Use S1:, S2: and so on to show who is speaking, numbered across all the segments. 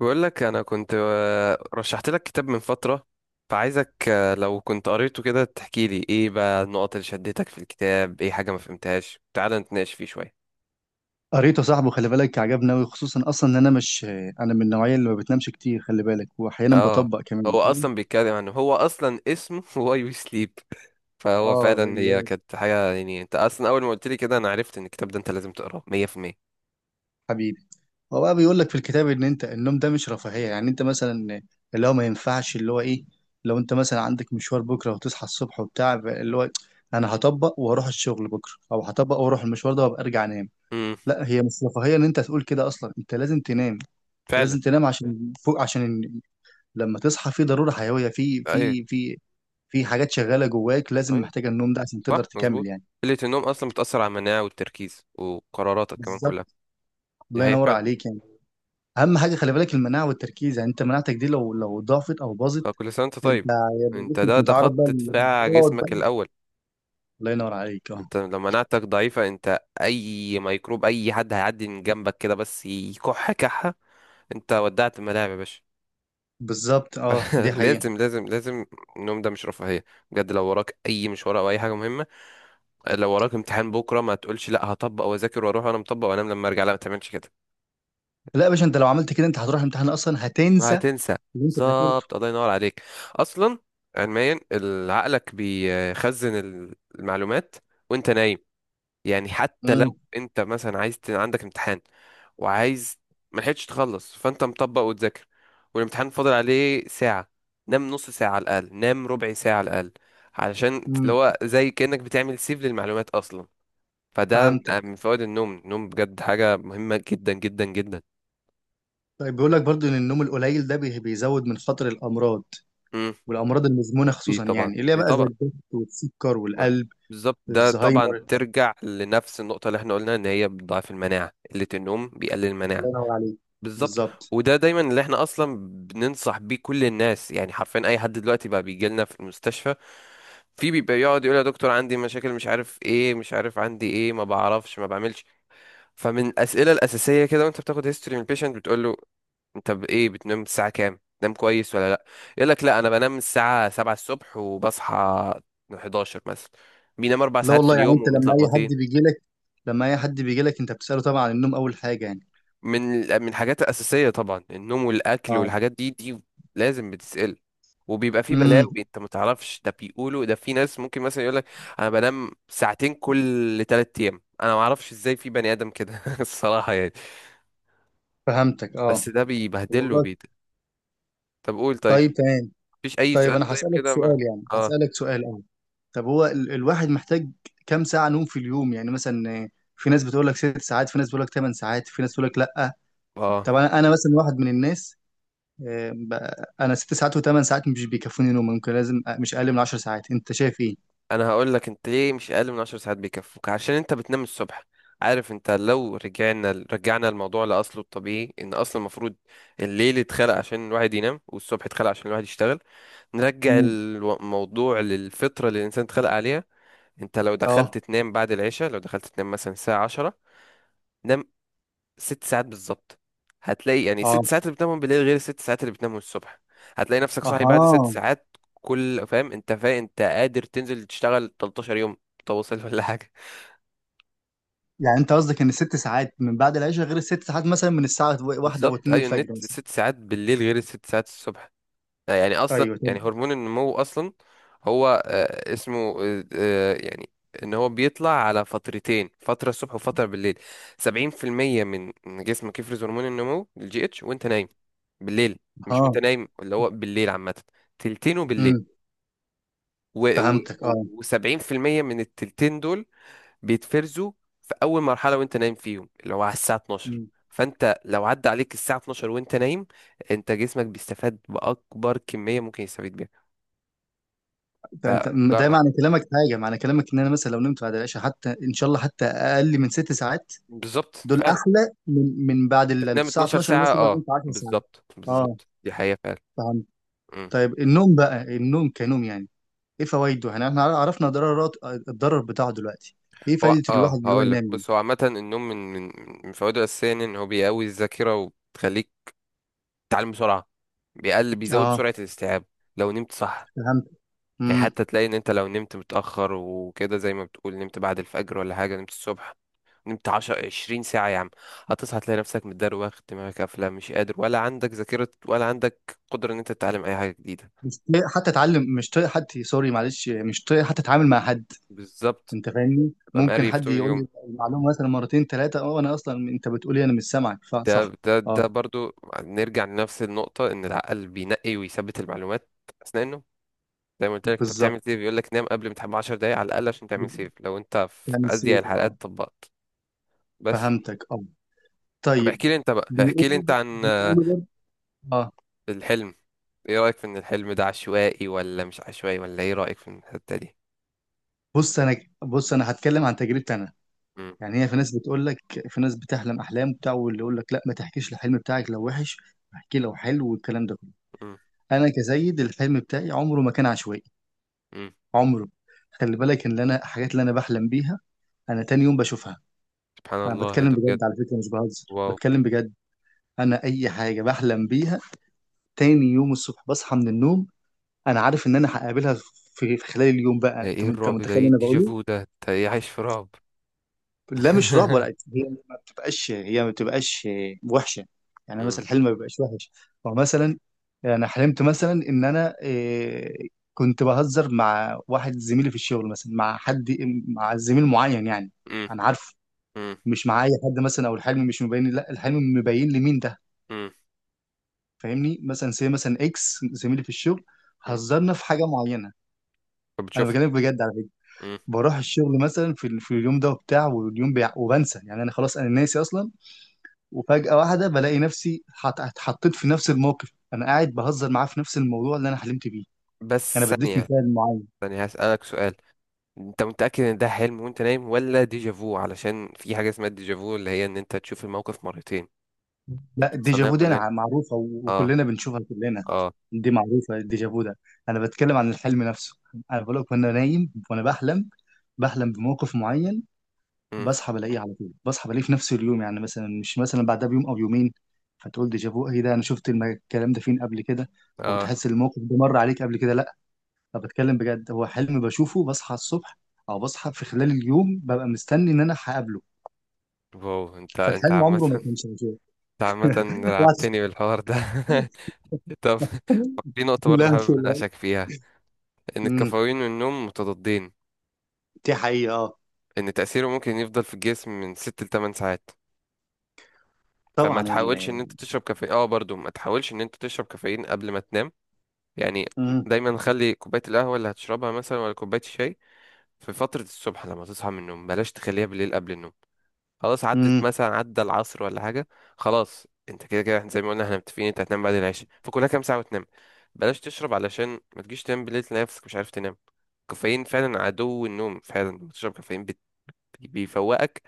S1: بقول لك انا كنت رشحت لك كتاب من فترة. فعايزك لو كنت قريته كده تحكي لي ايه بقى النقط اللي شدتك في الكتاب، ايه حاجة ما فهمتهاش، تعال نتناقش فيه شوية.
S2: قريته صاحبه. خلي بالك، عجبني أوي، خصوصا أصلا إن أنا مش أنا من النوعية اللي ما بتنامش كتير، خلي بالك، وأحيانا
S1: اه،
S2: بطبق كمان،
S1: هو
S2: فاهم؟
S1: اصلا بيتكلم عن، هو اصلا اسمه واي وي سليب. فهو
S2: آه،
S1: فعلا
S2: اللي
S1: هي
S2: هو
S1: كانت حاجة، يعني انت اصلا اول ما قلت لي كده انا عرفت ان الكتاب ده انت لازم تقراه. 100%.
S2: حبيبي. هو بقى بيقول لك في الكتاب إن أنت النوم ده مش رفاهية، يعني أنت مثلا اللي هو ما ينفعش، اللي هو إيه، لو أنت مثلا عندك مشوار بكرة وتصحى الصبح وبتاع، اللي هو أنا هطبق وهروح الشغل بكرة، أو هطبق وأروح المشوار ده وأبقى أرجع أنام.
S1: امم.
S2: لا، هي مش رفاهية إن أنت تقول كده، أصلا أنت لازم تنام. أنت
S1: فعلا.
S2: لازم تنام عشان فوق، عشان لما تصحى في ضرورة حيوية، في
S1: ايوه،
S2: في حاجات شغالة جواك لازم
S1: ايوه،
S2: محتاجة النوم ده عشان تقدر
S1: صح،
S2: تكمل،
S1: مظبوط.
S2: يعني.
S1: قلة النوم اصلا بتأثر على المناعة والتركيز وقراراتك كمان كلها.
S2: بالظبط.
S1: دي
S2: الله ينور
S1: حقيقة.
S2: عليك يعني. أهم حاجة خلي بالك المناعة والتركيز، يعني أنت مناعتك دي لو ضعفت أو باظت،
S1: كل سنة وانت
S2: أنت
S1: طيب.
S2: هيبقى
S1: انت،
S2: جسمك
S1: ده
S2: متعرض بقى
S1: خط دفاع
S2: للأمراض
S1: جسمك
S2: بقى.
S1: الأول.
S2: الله ينور عليك، أه.
S1: انت لو مناعتك ضعيفة، انت أي ميكروب أي حد هيعدي من جنبك كده بس يكح كحة انت ودعت الملاعب يا باشا.
S2: بالظبط، أه. دي حقيقة.
S1: لازم، لازم، لازم. النوم ده مش رفاهية، بجد، لو وراك أي مشوار أو أي حاجة مهمة. لو وراك امتحان بكرة، ما تقولش لا هطبق وأذاكر وأروح وأنا مطبق وأنام لما أرجع. لا، ما تعملش كده.
S2: لا يا باشا، أنت لو عملت كده أنت هتروح الامتحان أصلا هتنسى
S1: وهتنسى.
S2: اللي أنت ذاكرته.
S1: بالظبط. الله ينور عليك. أصلا علميا عقلك بيخزن المعلومات وانت نايم. يعني حتى لو
S2: امم
S1: انت مثلا عايز عندك امتحان، وعايز، ما لحقتش تخلص، فانت مطبق وتذاكر، والامتحان فاضل عليه ساعة، نام نص ساعة على الأقل، نام ربع ساعة على الأقل، علشان اللي
S2: امم
S1: هو زي كأنك بتعمل سيف للمعلومات أصلا. فده
S2: فهمتك.
S1: من فوائد النوم. النوم بجد حاجة مهمة جدا جدا جدا.
S2: طيب، بيقول لك برضو إن النوم القليل ده بيزود من خطر الأمراض،
S1: مم.
S2: والامراض المزمنه
S1: دي
S2: خصوصا،
S1: طبعا،
S2: يعني اللي هي
S1: دي
S2: بقى زي
S1: طبعا.
S2: الضغط والسكر
S1: ما-
S2: والقلب،
S1: بالظبط، ده طبعا
S2: الزهايمر.
S1: ترجع لنفس النقطة اللي احنا قلنا ان هي بتضعف المناعة. قلة النوم بيقلل المناعة.
S2: الله ينور عليك.
S1: بالظبط.
S2: بالظبط.
S1: وده دايما اللي احنا اصلا بننصح بيه كل الناس. يعني حرفيا اي حد دلوقتي بقى بيجي لنا في المستشفى، في بيبقى يقعد يقول يا دكتور عندي مشاكل مش عارف ايه، مش عارف عندي ايه، ما بعرفش، ما بعملش. فمن الاسئله الاساسيه كده وانت بتاخد هيستوري من البيشنت بتقول له، انت ايه، بتنام الساعه كام؟ نام كويس ولا لا؟ يقول لك لا، انا بنام الساعه 7 الصبح وبصحى 11 مثلا. بينام اربع
S2: لا
S1: ساعات في
S2: والله، يعني
S1: اليوم
S2: انت لما اي حد
S1: ومتلخبطين.
S2: بيجي لك، لما اي حد بيجي لك انت بتساله طبعا عن النوم اول حاجه يعني.
S1: من من الحاجات الأساسية طبعا النوم والأكل،
S2: اه.
S1: والحاجات دي، دي لازم بتسأل. وبيبقى في بلاوي
S2: امم
S1: انت ما تعرفش، ده بيقولوا، ده في ناس ممكن مثلا يقولك انا بنام ساعتين كل 3 ايام، انا ما اعرفش ازاي في بني ادم كده الصراحة يعني.
S2: فهمتك،
S1: بس
S2: اه.
S1: ده بيبهدله
S2: والله.
S1: بيت. طب قول. طيب.
S2: طيب، تمام.
S1: مفيش اي
S2: طيب،
S1: سؤال
S2: انا
S1: طيب
S2: هسالك
S1: كده؟ ما
S2: سؤال، يعني
S1: اه،
S2: هسالك سؤال، اه. طب هو الواحد محتاج كام ساعه نوم في اليوم يعني؟ مثلا في ناس بتقول لك 6 ساعات، في ناس بتقول لك 8 ساعات، في ناس بتقول لك لا. طب
S1: اه،
S2: انا، مثلا واحد من الناس، آه، ب- انا 6 ساعات وثمان ساعات مش بيكفوني نوم، ممكن لازم مش اقل من عشر ساعات، انت شايف ايه؟
S1: انا هقول لك. انت ليه مش اقل من 10 ساعات بيكفوك؟ عشان انت بتنام الصبح. عارف، انت لو رجعنا الموضوع لاصله الطبيعي، ان اصلا المفروض الليل اتخلق عشان الواحد ينام، والصبح اتخلق عشان الواحد يشتغل. نرجع
S2: مم.
S1: الموضوع للفطرة اللي الانسان اتخلق عليها. انت لو
S2: اه.
S1: دخلت تنام بعد العشاء، لو دخلت تنام مثلا الساعة 10، نام 6 ساعات بالظبط، هتلاقي يعني
S2: اه.
S1: ست ساعات اللي بتنامهم بالليل غير الست ساعات اللي بتنامهم الصبح. هتلاقي نفسك صاحي بعد ست
S2: اها.
S1: ساعات. كل فاهم، انت فاهم، انت قادر تنزل تشتغل 13 يوم متواصل ولا حاجة.
S2: يعني انت قصدك ان الـ6 ساعات من بعد العشاء غير الـ6 ساعات مثلا من الساعه واحدة او
S1: بالظبط،
S2: اتنين
S1: ايوه، النت
S2: الفجر مثلا؟
S1: ست ساعات بالليل غير الست ساعات الصبح. يعني اصلا
S2: ايوه. طب،
S1: يعني هرمون النمو اصلا، هو اسمه، يعني، ان هو بيطلع على فترتين، فتره الصبح وفتره بالليل. 70% من جسمك يفرز هرمون النمو الجي اتش وانت نايم بالليل. مش وانت
S2: اه.
S1: نايم، اللي هو بالليل عامه، تلتينه بالليل.
S2: امم فهمتك، اه.
S1: و70% من التلتين دول بيتفرزوا في اول مرحله وانت نايم فيهم، اللي هو على الساعه 12.
S2: مم.
S1: فانت لو عدى عليك الساعه 12 وانت نايم، انت جسمك بيستفاد باكبر كميه ممكن يستفيد بيها.
S2: فانت ده
S1: جرب.
S2: معنى كلامك، حاجه معنى كلامك ان انا مثلا لو نمت بعد العشاء حتى ان شاء الله حتى اقل من 6 ساعات،
S1: بالظبط،
S2: دول
S1: فعلا.
S2: احلى من بعد
S1: انت تنام
S2: الساعه
S1: 12
S2: 12
S1: ساعة،
S2: مثلا لو
S1: اه،
S2: نمت 10 ساعات؟
S1: بالظبط،
S2: اه.
S1: بالظبط، دي حقيقة فعلا.
S2: فهمت.
S1: مم.
S2: طيب النوم بقى، النوم كنوم يعني ايه فوائده؟ يعني احنا عرفنا ضررات الضرر بتاعه دلوقتي، ايه
S1: هو
S2: فايده الواحد اللي هو
S1: هقول لك،
S2: ينام؟
S1: بص، هو عامة النوم من فوائده الأساسية، يعني ان هو بيقوي الذاكرة وبتخليك تتعلم بسرعة، بيزود
S2: اه.
S1: سرعة الاستيعاب لو نمت صح.
S2: فهمت.
S1: يعني
S2: امم
S1: حتى تلاقي ان انت لو نمت متأخر وكده، زي ما بتقول نمت بعد الفجر ولا حاجة، نمت الصبح، نمت 10 20 ساعة يا عم، هتصحى تلاقي نفسك متدروخ، دماغك قافلة، مش قادر، ولا عندك ذاكرة ولا عندك قدرة ان انت تتعلم اي حاجة جديدة.
S2: مش طايق حتى اتعلم، مش طايق حد، سوري، معلش، مش طايق حتى اتعامل مع حد.
S1: بالظبط،
S2: انت فاهمني،
S1: ببقى
S2: ممكن
S1: مقريف
S2: حد
S1: طول
S2: يقول
S1: اليوم.
S2: لي المعلومه مثلا مرتين ثلاثه، اه انا اصلا انت بتقولي انا مش سامعك
S1: ده
S2: فصح.
S1: ده
S2: اه.
S1: ده برضو نرجع لنفس النقطة، إن العقل بينقي ويثبت المعلومات أثناء النوم. زي ما قلت لك، أنت
S2: بالظبط،
S1: بتعمل سيف. يقول لك نام قبل ما تحب 10 دقايق على الأقل عشان تعمل سيف لو أنت في
S2: يعني
S1: أضيق
S2: سيف، اه.
S1: الحلقات طبقت. بس
S2: فهمتك، اه.
S1: طب
S2: طيب.
S1: احكي لي أنت بقى، احكي لي
S2: بيقولوا،
S1: أنت عن،
S2: بيقولوا برضه- اه.
S1: الحلم. إيه رأيك في إن الحلم ده عشوائي ولا مش عشوائي؟ ولا إيه رأيك في الحتة دي؟
S2: بص انا بص انا هتكلم عن تجربتي انا.
S1: مم.
S2: يعني هي، في ناس بتقول لك، في ناس بتحلم احلام بتاع، واللي يقول لك لا ما تحكيش الحلم بتاعك لو وحش، احكي لو حلو والكلام ده كله.
S1: مم.
S2: انا كسيد الحلم بتاعي عمره ما كان عشوائي.
S1: مم.
S2: عمره، خلي بالك ان اللي انا الحاجات اللي انا بحلم بيها، انا تاني يوم بشوفها.
S1: سبحان
S2: انا
S1: الله، إيه
S2: بتكلم
S1: ده؟ بجد؟
S2: بجد على فكره، مش بهزر،
S1: واو.
S2: بتكلم بجد. انا اي حاجه بحلم بيها تاني يوم الصبح بصحى من النوم انا عارف ان انا هقابلها في خلال اليوم بقى. انت
S1: إيه
S2: انت
S1: الرعب ده؟
S2: متخيل
S1: إيه
S2: اللي انا بقوله؟
S1: الديجافو ده؟ أنت إيه، عايش في رعب؟
S2: لا، مش رعب ولا. هي ما بتبقاش وحشه، يعني
S1: مم.
S2: مثلا الحلم ما بيبقاش وحش. فمثلا انا حلمت مثلا ان انا كنت بهزر مع واحد زميلي في الشغل مثلا، مع حد، مع زميل معين يعني
S1: مم.
S2: انا عارفه،
S1: مم.
S2: مش مع اي حد مثلا، او الحلم مش مبين، لا الحلم مبين لي مين ده،
S1: مم.
S2: فاهمني؟ مثلا سي مثلا اكس زميلي في الشغل،
S1: مم.
S2: هزرنا في حاجه معينه. انا
S1: فبتشوفها.
S2: بكلمك بجد على فكره.
S1: مم.
S2: بروح الشغل مثلا في اليوم ده وبتاع، واليوم وبنسى يعني، انا خلاص انا ناسي اصلا. وفجأة واحدة بلاقي نفسي اتحطيت في نفس الموقف، انا قاعد بهزر معاه في نفس الموضوع اللي انا حلمت بيه. انا
S1: بس
S2: بديك
S1: ثانية،
S2: مثال معين.
S1: ثانية هسألك سؤال. انت متأكد ان ده حلم وانت نايم ولا ديجافو؟ علشان في حاجة اسمها الديجافو اللي هي ان انت تشوف الموقف مرتين. دي
S2: لا،
S1: بتحصل لنا
S2: الديجافو دي
S1: كلنا.
S2: انا معروفة،
S1: اه.
S2: وكلنا بنشوفها كلنا،
S1: اه.
S2: دي معروفة الديجافو ده. انا بتكلم عن الحلم نفسه، انا بقول لك وانا نايم وانا بحلم، بحلم بموقف معين،
S1: مم.
S2: بصحى بلاقيه على طول، بصحى بلاقيه في نفس اليوم، يعني مثلا مش مثلا بعدها بيوم او يومين، فتقول ديجافو، ايه ده انا شفت الكلام ده فين قبل كده، او
S1: اه.
S2: تحس الموقف ده مر عليك قبل كده. طب بتكلم بجد، هو حلم بشوفه، بصحى الصبح او بصحى في خلال اليوم ببقى مستني ان انا هقابله.
S1: واو. انت
S2: فالحلم
S1: عامة
S2: عمره ما كان شغال.
S1: انت عامة
S2: وعس-
S1: لعبتني بالحوار ده. طب، في نقطة برضه
S2: لا
S1: حابب
S2: لا.
S1: اناقشك فيها، ان
S2: امم.
S1: الكافيين والنوم متضادين.
S2: دي حقيقة، اه.
S1: ان تأثيره ممكن يفضل في الجسم من 6 ل 8 ساعات. فما
S2: طبعا
S1: تحاولش ان انت تشرب كافيين، برضه ما تحاولش ان انت تشرب كافيين قبل ما تنام. يعني
S2: مم.
S1: دايما خلي كوباية القهوة اللي هتشربها مثلا ولا كوباية الشاي في فترة الصبح لما تصحى من النوم، بلاش تخليها بالليل قبل النوم. خلاص عدت
S2: مم.
S1: مثلا، عدى العصر ولا حاجة، خلاص انت كده كده، احنا زي ما قلنا احنا متفقين انت هتنام بعد العشاء، فكلها كام ساعة وتنام، بلاش تشرب علشان ما تجيش تنام بالليل تلاقي نفسك مش عارف تنام. الكافيين فعلا عدو النوم. فعلا لما تشرب كافيين بيفوقك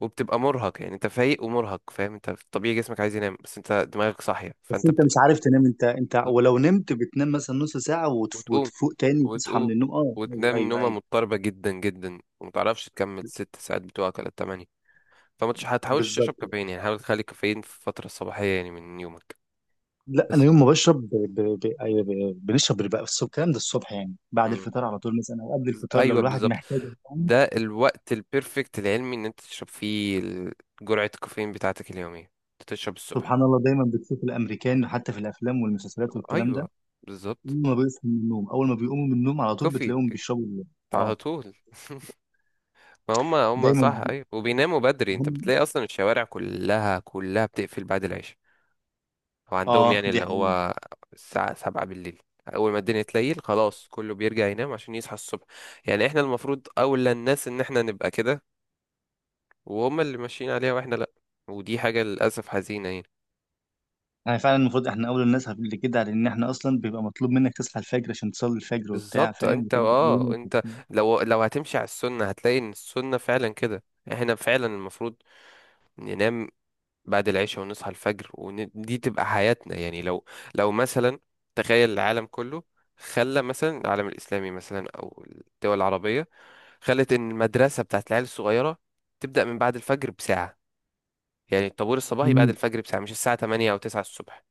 S1: وبتبقى مرهق. يعني انت فايق ومرهق، فاهم، انت في الطبيعي جسمك عايز ينام بس انت دماغك صاحية،
S2: بس
S1: فانت
S2: انت مش
S1: بتبقى
S2: عارف تنام، انت ولو نمت بتنام مثلا نص ساعة،
S1: وتقوم،
S2: وتفوق تاني وتصحى
S1: وتقوم،
S2: من النوم، اه ايوه
S1: وتنام
S2: ايوه,
S1: نومة
S2: أيوة.
S1: مضطربة جدا جدا، ومتعرفش تكمل ست ساعات بتوعك ولا التمانية. هتحاولش تشرب
S2: بالظبط.
S1: كافيين. يعني حاول تخلي الكافيين في الفترة الصباحية يعني من يومك
S2: لا، انا
S1: بس.
S2: يوم ما بشرب، أيوة، بنشرب بقى، بس الكلام ده الصبح يعني بعد
S1: مم.
S2: الفطار على طول مثلا، او قبل الفطار لو
S1: أيوة،
S2: الواحد
S1: بالظبط،
S2: محتاج.
S1: ده الوقت البيرفكت العلمي إن أنت تشرب فيه جرعة الكافيين بتاعتك اليومية. أنت تشرب الصبح.
S2: سبحان الله، دايما بتشوف الامريكان حتى في الافلام والمسلسلات والكلام ده،
S1: أيوة، بالظبط.
S2: اول ما بيصحوا من النوم، اول ما بيقوموا من النوم على طول
S1: كوفي
S2: بتلاقيهم بيشربوا
S1: على
S2: اه.
S1: طول. ما هم
S2: دايما.
S1: صح، أيوة، وبيناموا بدري. أنت
S2: هم.
S1: بتلاقي أصلا الشوارع كلها كلها بتقفل بعد العشاء، وعندهم
S2: اه،
S1: يعني
S2: دي
S1: اللي
S2: حقيقة.
S1: هو الساعة 7 بالليل أول ما الدنيا تليل خلاص كله بيرجع ينام عشان يصحى الصبح. يعني احنا المفروض أولى الناس إن احنا نبقى كده، وهم اللي ماشيين عليها واحنا لأ، ودي حاجة للأسف حزينة يعني.
S2: يعني فعلا المفروض احنا اول الناس اللي كده، لان احنا اصلا بيبقى مطلوب منك تصحى الفجر عشان تصلي الفجر وبتاع،
S1: بالظبط،
S2: فاهم،
S1: انت
S2: وتبدا
S1: اه
S2: يومك
S1: انت
S2: وبتاع.
S1: لو هتمشي على السنة هتلاقي ان السنة فعلا كده. احنا فعلا المفروض ننام بعد العشاء ونصحى الفجر، ودي تبقى حياتنا. يعني لو مثلا، تخيل العالم كله، خلى مثلا العالم الإسلامي مثلا أو الدول العربية خلت إن المدرسة بتاعت العيال الصغيرة تبدأ من بعد الفجر بساعة، يعني الطابور الصباحي بعد
S2: امم
S1: الفجر بساعة مش الساعة 8 أو 9 الصبح،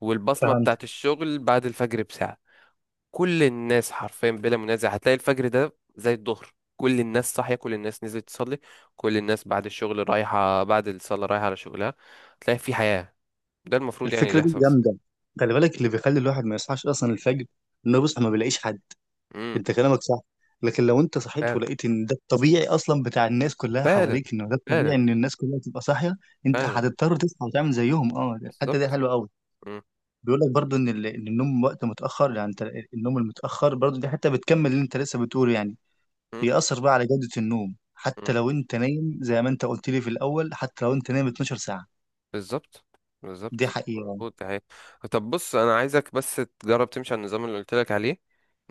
S1: والبصمة
S2: فهمت.
S1: بتاعت الشغل بعد الفجر بساعة، كل الناس حرفيا بلا منازع هتلاقي الفجر ده زي الظهر، كل الناس صاحية، كل الناس نزلت تصلي، كل الناس بعد الشغل رايحة، بعد الصلاة رايحة على شغلها، تلاقي في حياة. ده المفروض يعني اللي
S2: الفكره دي
S1: يحصل بس.
S2: جامده، خلي بالك اللي بيخلي الواحد ما يصحاش اصلا الفجر انه بيصحى ما بيلاقيش حد.
S1: امم.
S2: انت كلامك صح، لكن لو انت صحيت
S1: فعلا،
S2: ولقيت ان ده الطبيعي اصلا بتاع الناس كلها
S1: فعلا،
S2: حواليك، انه ده
S1: فعلا،
S2: الطبيعي ان الناس كلها تبقى صاحيه، انت
S1: فعلا.
S2: هتضطر تصحى وتعمل زيهم، اه، الحته دي
S1: بالظبط.
S2: حلوه قوي.
S1: مم.
S2: بيقول لك برضو ان ان النوم وقت متاخر، يعني انت النوم المتاخر برضو، دي حته بتكمل اللي انت لسه بتقوله، يعني
S1: مم.
S2: بيأثر بقى على جوده النوم
S1: مم.
S2: حتى لو انت نايم زي ما انت قلت لي في الاول، حتى لو انت نايم 12 ساعه،
S1: بالظبط،
S2: دي
S1: بالظبط،
S2: حقيقه.
S1: مظبوط، ده حقيقي. طب بص، انا عايزك بس تجرب تمشي على النظام اللي قلت لك عليه،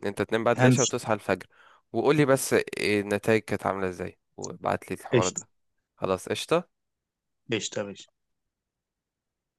S1: ان انت تنام بعد العشاء
S2: همشي.
S1: وتصحى الفجر. وقول لي بس إيه النتائج كانت عامله ازاي، وابعت لي الحوار
S2: قشطه.
S1: ده. خلاص قشطه.
S2: قشطه يا باشا.